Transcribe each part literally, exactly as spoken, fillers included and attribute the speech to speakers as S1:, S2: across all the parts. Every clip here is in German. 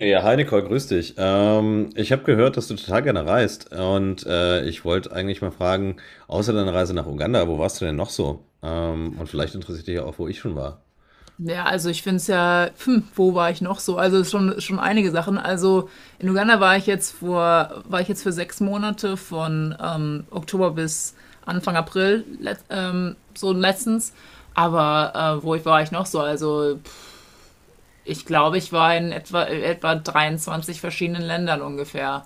S1: Ja, hi grüß dich. Ähm, ich habe gehört, dass du total gerne reist und äh, ich wollte eigentlich mal fragen, außer deiner Reise nach Uganda, wo warst du denn noch so? Ähm, und vielleicht interessiert dich ja auch, wo ich schon war.
S2: Ja, also ich finde es ja, hm, wo war ich noch so? Also schon, schon einige Sachen. Also in Uganda war ich jetzt vor, war ich jetzt für sechs Monate von ähm, Oktober bis Anfang April, let, ähm, so letztens. Aber äh, wo ich war ich noch so? Also pff, ich glaube, ich war in etwa, etwa dreiundzwanzig verschiedenen Ländern ungefähr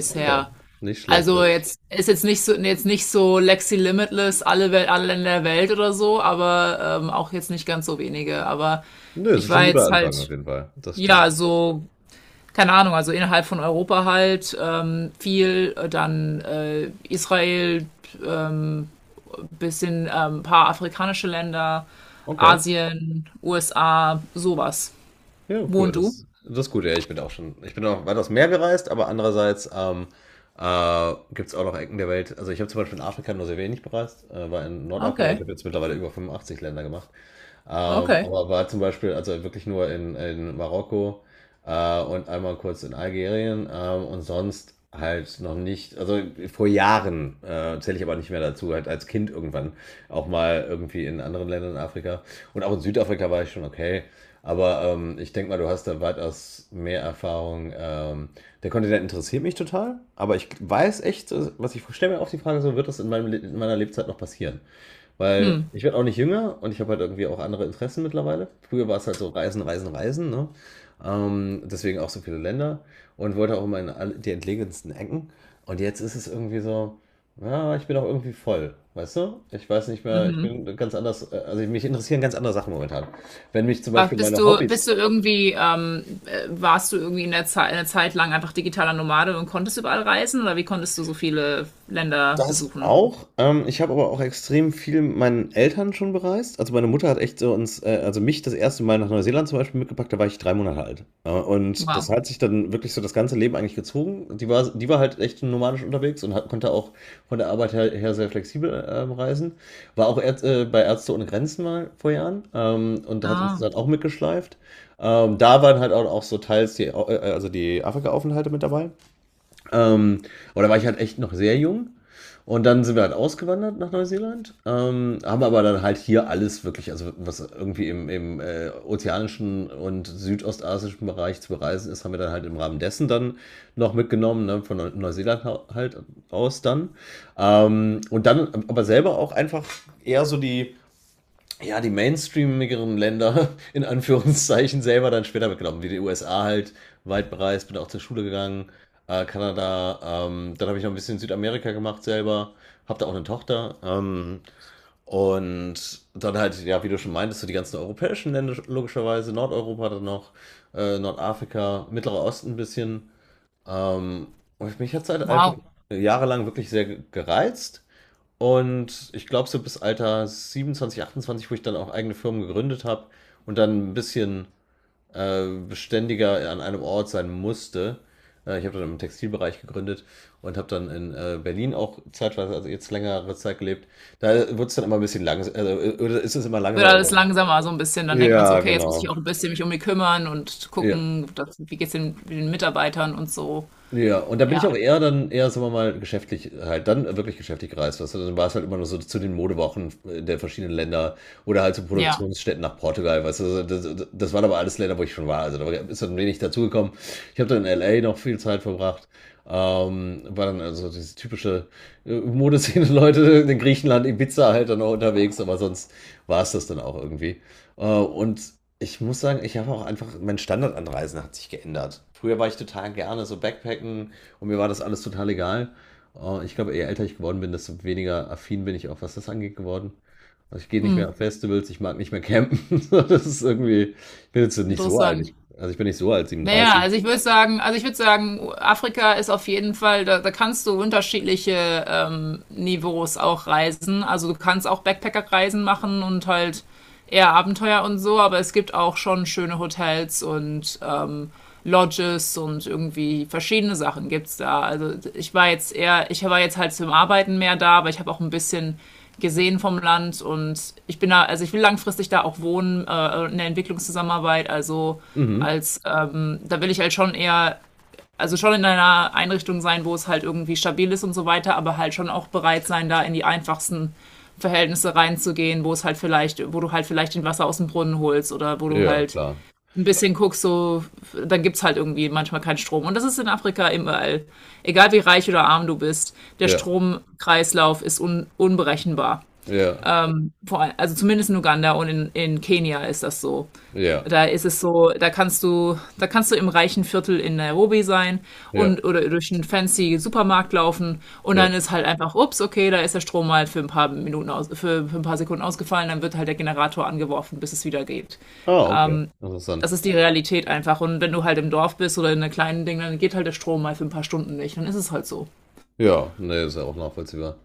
S1: Okay, nicht schlecht.
S2: Also jetzt ist jetzt nicht so jetzt nicht so Lexi Limitless, alle Welt, alle Länder der Welt oder so, aber ähm, auch jetzt nicht ganz so wenige. Aber
S1: Nö, es
S2: ich
S1: ist schon ein
S2: war
S1: guter
S2: jetzt
S1: Anfang auf
S2: halt,
S1: jeden Fall. Das stimmt.
S2: ja, so, keine Ahnung, also innerhalb von Europa halt ähm, viel, äh, dann äh, Israel, ähm, bisschen ähm, ein paar afrikanische Länder,
S1: Okay,
S2: Asien, U S A, sowas.
S1: ja,
S2: Wo
S1: cool.
S2: und du?
S1: Das, das ist gut. Ja, ich bin auch schon, ich bin auch weitaus mehr gereist, aber andererseits ähm, äh, gibt es auch noch Ecken der Welt. Also ich habe zum Beispiel in Afrika nur sehr wenig bereist, äh, war in Nordafrika. Ich
S2: Okay,
S1: habe jetzt mittlerweile über fünfundachtzig Länder gemacht. Ähm,
S2: okay.
S1: aber war zum Beispiel, also wirklich nur in, in Marokko äh, und einmal kurz in Algerien ähm, und sonst halt noch nicht, also vor Jahren äh, zähle ich aber nicht mehr dazu, halt als Kind irgendwann auch mal irgendwie in anderen Ländern in Afrika und auch in Südafrika war ich schon okay. Aber ähm, ich denke mal, du hast da weitaus mehr Erfahrung. Ähm, der Kontinent interessiert mich total, aber ich weiß echt, äh, was ich stelle mir auch die Frage, so wird das in, meinem, Le- in meiner Lebzeit noch passieren? Weil
S2: Hm,
S1: ich werde auch nicht jünger und ich habe halt irgendwie auch andere Interessen mittlerweile. Früher war es halt so Reisen, Reisen, Reisen, ne? Ähm, deswegen auch so viele Länder und wollte auch immer in alle- die entlegensten Ecken. Und jetzt ist es irgendwie so, ja, ich bin auch irgendwie voll, weißt du? Ich weiß nicht mehr, ich
S2: mhm.
S1: bin ganz anders, äh, also mich interessieren ganz andere Sachen momentan. Wenn mich zum
S2: Was
S1: Beispiel
S2: bist
S1: meine
S2: du, bist
S1: Hobbys,
S2: du irgendwie, ähm, äh, warst du irgendwie in der Zeit, eine Zeit lang einfach digitaler Nomade und konntest überall reisen, oder wie konntest du so viele Länder
S1: das
S2: besuchen?
S1: auch. Ähm, ich habe aber auch extrem viel mit meinen Eltern schon bereist. Also meine Mutter hat echt so uns, äh, also mich das erste Mal nach Neuseeland zum Beispiel mitgepackt, da war ich drei Monate alt. Äh, und das
S2: Wow.
S1: hat sich dann wirklich so das ganze Leben eigentlich gezogen. Die war, die war halt echt nomadisch unterwegs und hat, konnte auch von der Arbeit her, her sehr flexibel ähm, reisen. War auch Ärz- äh, bei Ärzte ohne Grenzen mal vor Jahren ähm, und hat uns
S2: Ah,
S1: dann auch mitgeschleift. Ähm, da waren halt auch, auch so teils die, Au- äh, also die Afrika-Aufenthalte mit dabei. Ähm, aber da war ich halt echt noch sehr jung. Und dann sind wir halt ausgewandert nach Neuseeland, ähm, haben aber dann halt hier alles wirklich, also was irgendwie im, im äh, ozeanischen und südostasischen Bereich zu bereisen ist, haben wir dann halt im Rahmen dessen dann noch mitgenommen, ne, von Neu- Neuseeland hau- halt aus dann. Ähm, und dann aber selber auch einfach eher so die, ja, die mainstreamigeren Länder in Anführungszeichen selber dann später mitgenommen, wie die U S A halt, weit bereist, bin auch zur Schule gegangen, äh, Kanada, ähm, dann habe ich noch ein bisschen Südamerika gemacht selber, habe da auch eine Tochter ähm, und dann halt, ja, wie du schon meintest, so die ganzen europäischen Länder logischerweise, Nordeuropa dann noch, äh, Nordafrika, Mittlerer Osten ein bisschen ähm, und mich hat es halt einfach
S2: wow.
S1: jahrelang wirklich sehr gereizt und ich glaube, so bis Alter siebenundzwanzig, achtundzwanzig, wo ich dann auch eigene Firmen gegründet habe und dann ein bisschen äh, beständiger an einem Ort sein musste. Äh, ich habe dann im Textilbereich gegründet und habe dann in äh, Berlin auch zeitweise, also jetzt längere Zeit gelebt. Da wurde es dann immer ein bisschen langsam, also äh, ist es immer
S2: Wird
S1: langsamer
S2: alles
S1: geworden.
S2: langsamer so ein bisschen. Dann denkt man so,
S1: Ja,
S2: okay, jetzt muss ich
S1: genau.
S2: auch ein bisschen mich um die kümmern und
S1: Ja.
S2: gucken, dass, wie geht's den, den Mitarbeitern und so.
S1: Ja, und da bin ich auch
S2: Ja,
S1: eher dann, eher, sagen wir mal, geschäftlich halt, dann wirklich geschäftlich gereist. Weißt du, dann war es halt immer nur so zu den Modewochen der verschiedenen Länder oder halt zu
S2: ja,
S1: Produktionsstätten nach Portugal, weißt du, das, das, das waren aber alles Länder, wo ich schon war. Also da war- ist dann wenig dazugekommen. Ich habe dann in L A noch viel Zeit verbracht. Ähm, war dann also diese typische äh, Modeszene-Leute in Griechenland, Ibiza halt dann auch unterwegs, aber sonst war es das dann auch irgendwie. Äh, und Ich muss sagen, ich habe auch einfach, mein Standard an Reisen hat sich geändert. Früher war ich total gerne so Backpacken und mir war das alles total egal. Äh, Ich glaube, je älter ich geworden bin, desto weniger affin bin ich auch, was das angeht, geworden. Also ich gehe nicht
S2: hm,
S1: mehr auf Festivals, ich mag nicht mehr campen. So, das ist irgendwie, ich bin jetzt nicht so alt.
S2: interessant.
S1: Ich, also ich bin nicht so alt,
S2: Naja,
S1: siebenunddreißig.
S2: also ich würde sagen, also ich würde sagen, Afrika ist auf jeden Fall, da, da kannst du unterschiedliche ähm, Niveaus auch reisen. Also du kannst auch Backpacker-Reisen machen und halt eher Abenteuer und so, aber es gibt auch schon schöne Hotels und ähm, Lodges und irgendwie verschiedene Sachen gibt's da. Also ich war jetzt eher, ich war jetzt halt zum Arbeiten mehr da, aber ich habe auch ein bisschen gesehen vom Land, und ich bin da, also ich will langfristig da auch wohnen, äh, in der Entwicklungszusammenarbeit, also
S1: Mhm.
S2: als ähm, da will ich halt schon eher, also schon in einer Einrichtung sein, wo es halt irgendwie stabil ist und so weiter, aber halt schon auch bereit sein, da in die einfachsten Verhältnisse reinzugehen, wo es halt vielleicht, wo du halt vielleicht den Wasser aus dem Brunnen holst, oder wo du
S1: Ja,
S2: halt
S1: klar.
S2: ein bisschen guckst, so, dann gibt's halt irgendwie manchmal keinen Strom. Und das ist in Afrika überall. Egal wie reich oder arm du bist, der
S1: Ja,
S2: Stromkreislauf ist un unberechenbar.
S1: ja,
S2: Also zumindest in Uganda und in, in Kenia ist das so.
S1: ja,
S2: Da ist es so, da kannst du, da kannst du im reichen Viertel in Nairobi sein
S1: ja,
S2: und oder durch einen fancy Supermarkt laufen, und
S1: ja.
S2: dann ist halt einfach, ups, okay, da ist der Strom halt für ein paar Minuten aus, für, für ein paar Sekunden ausgefallen, dann wird halt der Generator angeworfen, bis es wieder geht.
S1: Ah, okay. Interessant.
S2: Das ist die Realität einfach. Und wenn du halt im Dorf bist oder in einem kleinen Ding, dann geht halt der Strom mal für ein paar Stunden nicht. Dann ist es halt so.
S1: Ja, nee, ist ja auch nachvollziehbar.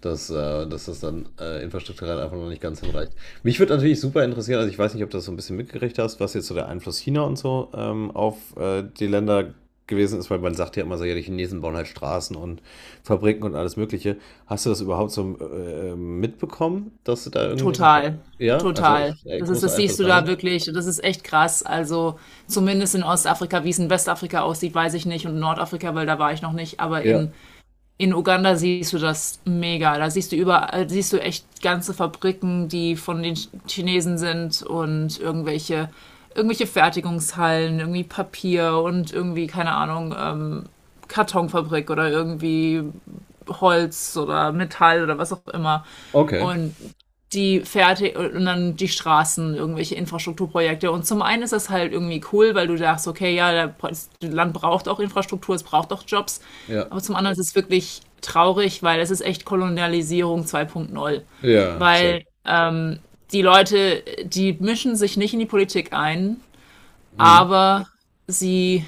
S1: Dass, äh, dass das dann äh, infrastrukturell einfach noch nicht ganz hinreicht. Mich würde natürlich super interessieren, also ich weiß nicht, ob du das so ein bisschen mitgekriegt hast, was jetzt so der Einfluss China und so ähm, auf äh, die Länder gewesen ist, weil man sagt ja immer so, ja, die Chinesen bauen halt Straßen und Fabriken und alles Mögliche. Hast du das überhaupt so äh, mitbekommen, dass du da irgendwie so ein...
S2: Total,
S1: Ja, also
S2: total.
S1: äh,
S2: Das ist,
S1: große
S2: das siehst du da
S1: Einflussnahme?
S2: wirklich. Das ist echt krass. Also zumindest in Ostafrika, wie es in Westafrika aussieht, weiß ich nicht. Und Nordafrika, weil da war ich noch nicht. Aber
S1: Ja,
S2: in, in Uganda siehst du das mega. Da siehst du überall, äh, siehst du echt ganze Fabriken, die von den Ch- Chinesen sind, und irgendwelche, irgendwelche Fertigungshallen, irgendwie Papier und irgendwie, keine Ahnung, ähm, Kartonfabrik oder irgendwie Holz oder Metall oder was auch immer.
S1: okay.
S2: Und die Fährte und dann die Straßen, irgendwelche Infrastrukturprojekte. Und zum einen ist das halt irgendwie cool, weil du dachtest, okay, ja, das Land braucht auch Infrastruktur, es braucht auch Jobs.
S1: Ja,
S2: Aber zum anderen ist es wirklich traurig, weil es ist echt Kolonialisierung zwei punkt null.
S1: ja, sehr.
S2: Weil ähm, die Leute, die mischen sich nicht in die Politik ein,
S1: Mhm.
S2: aber sie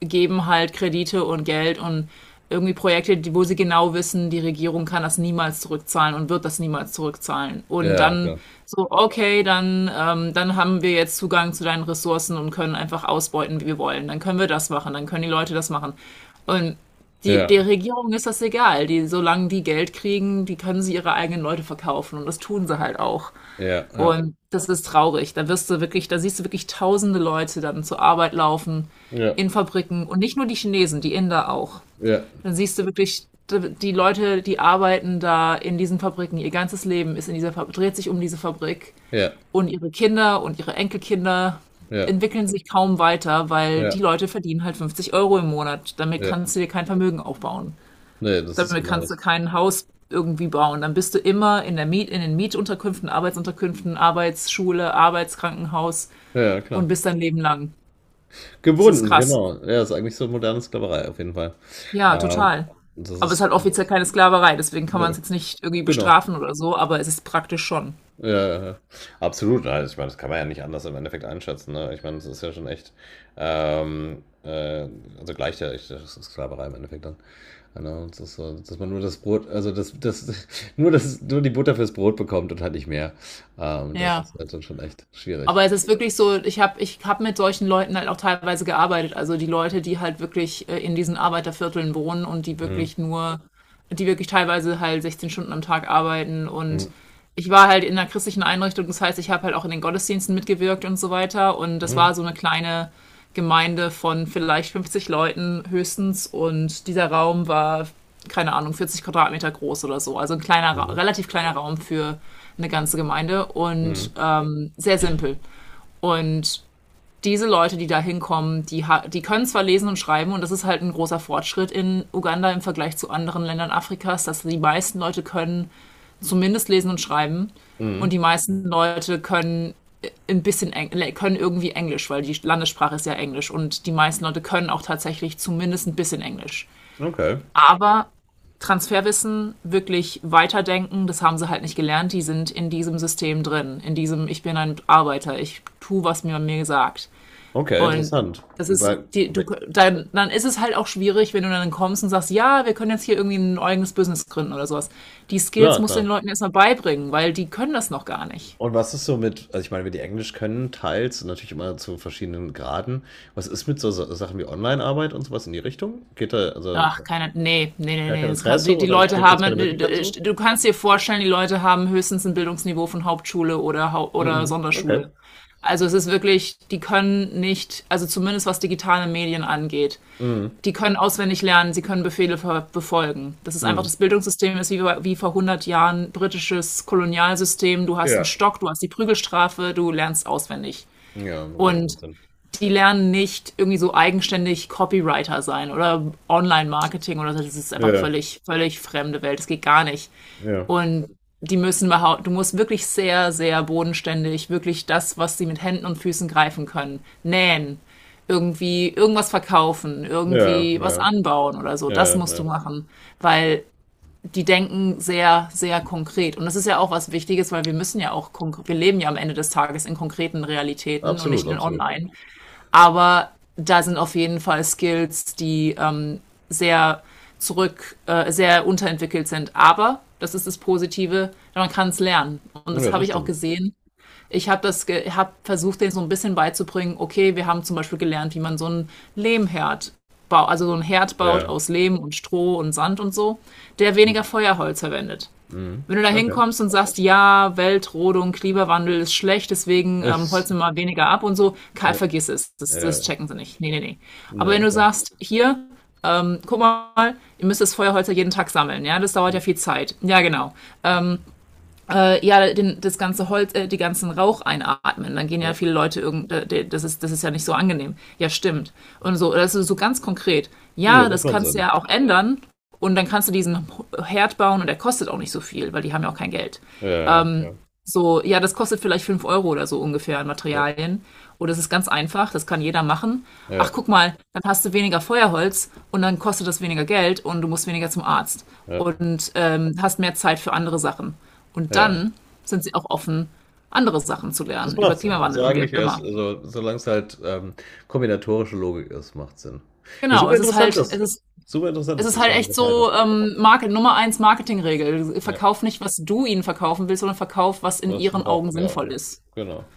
S2: geben halt Kredite und Geld und irgendwie Projekte, die, wo sie genau wissen, die Regierung kann das niemals zurückzahlen und wird das niemals zurückzahlen. Und
S1: Ja,
S2: dann
S1: klar.
S2: so, okay, dann, ähm, dann haben wir jetzt Zugang zu deinen Ressourcen und können einfach ausbeuten, wie wir wollen. Dann können wir das machen, dann können die Leute das machen. Und die, der
S1: Ja,
S2: Regierung ist das egal. Die, solange die Geld kriegen, die können sie ihre eigenen Leute verkaufen. Und das tun sie halt auch.
S1: ja, ja,
S2: Und das ist traurig. Da wirst du wirklich, da siehst du wirklich tausende Leute dann zur Arbeit laufen
S1: ja,
S2: in Fabriken, und nicht nur die Chinesen, die Inder auch.
S1: ja,
S2: Dann siehst du wirklich d- die Leute, die arbeiten da in diesen Fabriken. Ihr ganzes Leben ist in dieser Fabrik, dreht sich um diese Fabrik,
S1: ja,
S2: und ihre Kinder und ihre Enkelkinder
S1: ja,
S2: entwickeln sich kaum weiter, weil
S1: ja,
S2: die Leute verdienen halt fünfzig Euro im Monat. Damit
S1: ja.
S2: kannst du dir kein Vermögen aufbauen.
S1: Ne, das ist
S2: Damit
S1: genau
S2: kannst du
S1: das.
S2: kein Haus irgendwie bauen. Dann bist du immer in der Miet, in den Mietunterkünften, Arbeitsunterkünften, Arbeitsschule, Arbeitskrankenhaus,
S1: Ja, ja,
S2: und
S1: klar.
S2: bist dein Leben lang. Das ist
S1: Gebunden,
S2: krass.
S1: genau. Ja, ist eigentlich so moderne Sklaverei auf jeden Fall.
S2: Ja,
S1: Ähm,
S2: total.
S1: das
S2: Aber es ist
S1: ist
S2: halt offiziell keine Sklaverei, deswegen kann
S1: Ne,
S2: man es jetzt nicht irgendwie
S1: genau.
S2: bestrafen oder so, aber es ist praktisch schon.
S1: Ja, ja, ja. Absolut. Also, ich meine, das kann man ja nicht anders im Endeffekt einschätzen, ne? Ich meine, das ist ja schon echt, ähm, äh, also gleicht ja echt, das ist Sklaverei im Endeffekt dann. Ja, ne? Und das ist so, dass man nur das Brot, also das, das, nur das, nur die Butter fürs Brot bekommt und halt nicht mehr. Ähm, das
S2: Ja.
S1: ist halt dann schon echt schwierig.
S2: Aber es ist wirklich so, ich habe ich hab mit solchen Leuten halt auch teilweise gearbeitet. Also die Leute, die halt wirklich äh, in diesen Arbeitervierteln wohnen, und die
S1: Mhm.
S2: wirklich nur die wirklich teilweise halt sechzehn Stunden am Tag arbeiten, und
S1: Mhm.
S2: ich war halt in einer christlichen Einrichtung, das heißt, ich habe halt auch in den Gottesdiensten mitgewirkt und so weiter, und das
S1: Mhm.
S2: war so eine kleine Gemeinde von vielleicht fünfzig Leuten höchstens, und dieser Raum war keine Ahnung vierzig Quadratmeter groß oder so, also ein kleiner,
S1: Mhm.
S2: relativ kleiner Raum für eine ganze Gemeinde, und
S1: Mhm.
S2: ähm, sehr simpel, und diese Leute, die da hinkommen, die, die können zwar lesen und schreiben, und das ist halt ein großer Fortschritt in Uganda im Vergleich zu anderen Ländern Afrikas, dass die meisten Leute können zumindest lesen und schreiben, und
S1: Mhm.
S2: die meisten Leute können äh, ein bisschen Eng können irgendwie Englisch, weil die Landessprache ist ja Englisch, und die meisten Leute können auch tatsächlich zumindest ein bisschen Englisch.
S1: Okay.
S2: Aber Transferwissen, wirklich weiterdenken, das haben sie halt nicht gelernt. Die sind in diesem System drin, in diesem ich bin ein Arbeiter, ich tue, was mir mir gesagt.
S1: Okay,
S2: Und
S1: interessant.
S2: das ist,
S1: Weil,
S2: die, du,
S1: weil-
S2: dann, dann ist es halt auch schwierig, wenn du dann kommst und sagst, ja, wir können jetzt hier irgendwie ein eigenes Business gründen oder sowas. Die Skills
S1: klar,
S2: musst du
S1: klar.
S2: den Leuten erstmal beibringen, weil die können das noch gar nicht.
S1: Und was ist so mit, also ich meine, wir die Englisch können, teils, natürlich immer zu verschiedenen Graden. Was ist mit so Sa- Sachen wie Online-Arbeit und sowas in die Richtung? Geht da also
S2: Ach, keine, nee, nee, nee,
S1: gar kein
S2: nee, das kann,
S1: Interesse
S2: die, die
S1: oder
S2: Leute
S1: gibt es
S2: haben,
S1: keine Möglichkeiten zu?
S2: du kannst dir vorstellen, die Leute haben höchstens ein Bildungsniveau von Hauptschule oder, Hau- oder
S1: Mhm.
S2: Sonderschule.
S1: Okay.
S2: Also es ist wirklich, die können nicht, also zumindest was digitale Medien angeht,
S1: Mhm.
S2: die können auswendig lernen, sie können Befehle befolgen. Das ist einfach
S1: Mhm.
S2: das Bildungssystem, ist wie, wie vor hundert Jahren britisches Kolonialsystem. Du hast einen
S1: Ja.
S2: Stock, du hast die Prügelstrafe, du lernst auswendig.
S1: Ja, okay, das
S2: Und
S1: macht Sinn.
S2: die lernen nicht irgendwie so eigenständig Copywriter sein oder Online-Marketing oder so. Das ist einfach
S1: Ja,
S2: völlig, völlig fremde Welt. Das geht gar nicht.
S1: ja,
S2: Und die müssen behau- du musst wirklich sehr, sehr bodenständig, wirklich das, was sie mit Händen und Füßen greifen können, nähen, irgendwie irgendwas verkaufen,
S1: ja,
S2: irgendwie was
S1: ja,
S2: anbauen oder so. Das
S1: ja,
S2: musst du
S1: ja.
S2: machen, weil die denken sehr, sehr konkret. Und das ist ja auch was Wichtiges, weil wir müssen ja auch, konk- wir leben ja am Ende des Tages in konkreten Realitäten und nicht
S1: Absolut,
S2: in
S1: absolut.
S2: online. Aber da sind auf jeden Fall Skills, die ähm, sehr zurück, äh, sehr unterentwickelt sind. Aber das ist das Positive, man kann es lernen. Und
S1: Ja,
S2: das habe
S1: das
S2: ich auch
S1: stimmt.
S2: gesehen. Ich habe das, ge habe versucht, denen so ein bisschen beizubringen. Okay, wir haben zum Beispiel gelernt, wie man so einen Lehmherd baut, also so einen Herd baut
S1: Ja.
S2: aus Lehm und Stroh und Sand und so, der weniger Feuerholz verwendet.
S1: Mhm.
S2: Wenn du da
S1: Okay.
S2: hinkommst und sagst, ja, Weltrodung, Klimawandel ist schlecht, deswegen ähm,
S1: Ich,
S2: holzen wir mal weniger ab und so, Karl,
S1: ja,
S2: vergiss es, das, das
S1: ja,
S2: checken sie nicht. Nee, nee, nee. Aber wenn
S1: ne,
S2: du sagst, hier, ähm, guck mal, ihr müsst das Feuerholz ja jeden Tag sammeln, ja, das dauert ja
S1: okay.
S2: viel Zeit. Ja, genau. Ähm, äh, ja den, das ganze Holz, äh, die ganzen Rauch einatmen. Dann gehen ja viele Leute irgend, äh, das ist das ist ja nicht so angenehm. Ja, stimmt. Und so, das ist so ganz konkret.
S1: Ja,
S2: Ja,
S1: das
S2: das
S1: macht
S2: kannst du ja
S1: Sinn.
S2: auch ändern, und dann kannst du diesen Herd bauen, und der kostet auch nicht so viel, weil die haben ja auch kein Geld.
S1: Ja, ja,
S2: So, ja, das kostet vielleicht fünf Euro oder so ungefähr an
S1: ja,
S2: Materialien. Oder es ist ganz einfach, das kann jeder machen. Ach,
S1: ja,
S2: guck mal, dann hast du weniger Feuerholz und dann kostet das weniger Geld und du musst weniger zum Arzt
S1: ja, ja.
S2: und ähm, hast mehr Zeit für andere Sachen. Und
S1: Ja.
S2: dann sind sie auch offen, andere Sachen zu
S1: Das
S2: lernen über
S1: macht Sinn. Also
S2: Klimawandel und wie
S1: eigentlich
S2: auch
S1: erst,
S2: immer.
S1: also solange es halt ähm, kombinatorische Logik ist, macht Sinn. Ja,
S2: Genau,
S1: super
S2: es ist
S1: interessant
S2: halt, es
S1: ist.
S2: ist,
S1: Super interessant
S2: es
S1: ist,
S2: ist
S1: dass
S2: halt
S1: man
S2: echt
S1: geteilt hat.
S2: so ähm, Market, Nummer eins Marketingregel.
S1: Ja,
S2: Verkauf nicht, was du ihnen verkaufen willst, sondern verkauf, was in
S1: was man
S2: ihren Augen
S1: braucht, ja.
S2: sinnvoll ist.
S1: Genau.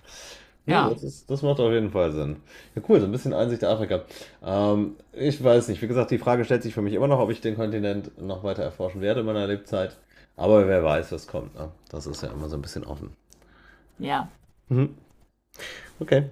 S1: Ne,
S2: Ja,
S1: das ist, das macht auf jeden Fall Sinn. Ja, cool, so ein bisschen Einsicht in Afrika. Ähm, ich weiß nicht. Wie gesagt, die Frage stellt sich für mich immer noch, ob ich den Kontinent noch weiter erforschen werde in meiner Lebzeit. Aber wer weiß, was kommt. Ne? Das ist ja immer so ein bisschen offen.
S2: ja.
S1: Mhm. Okay.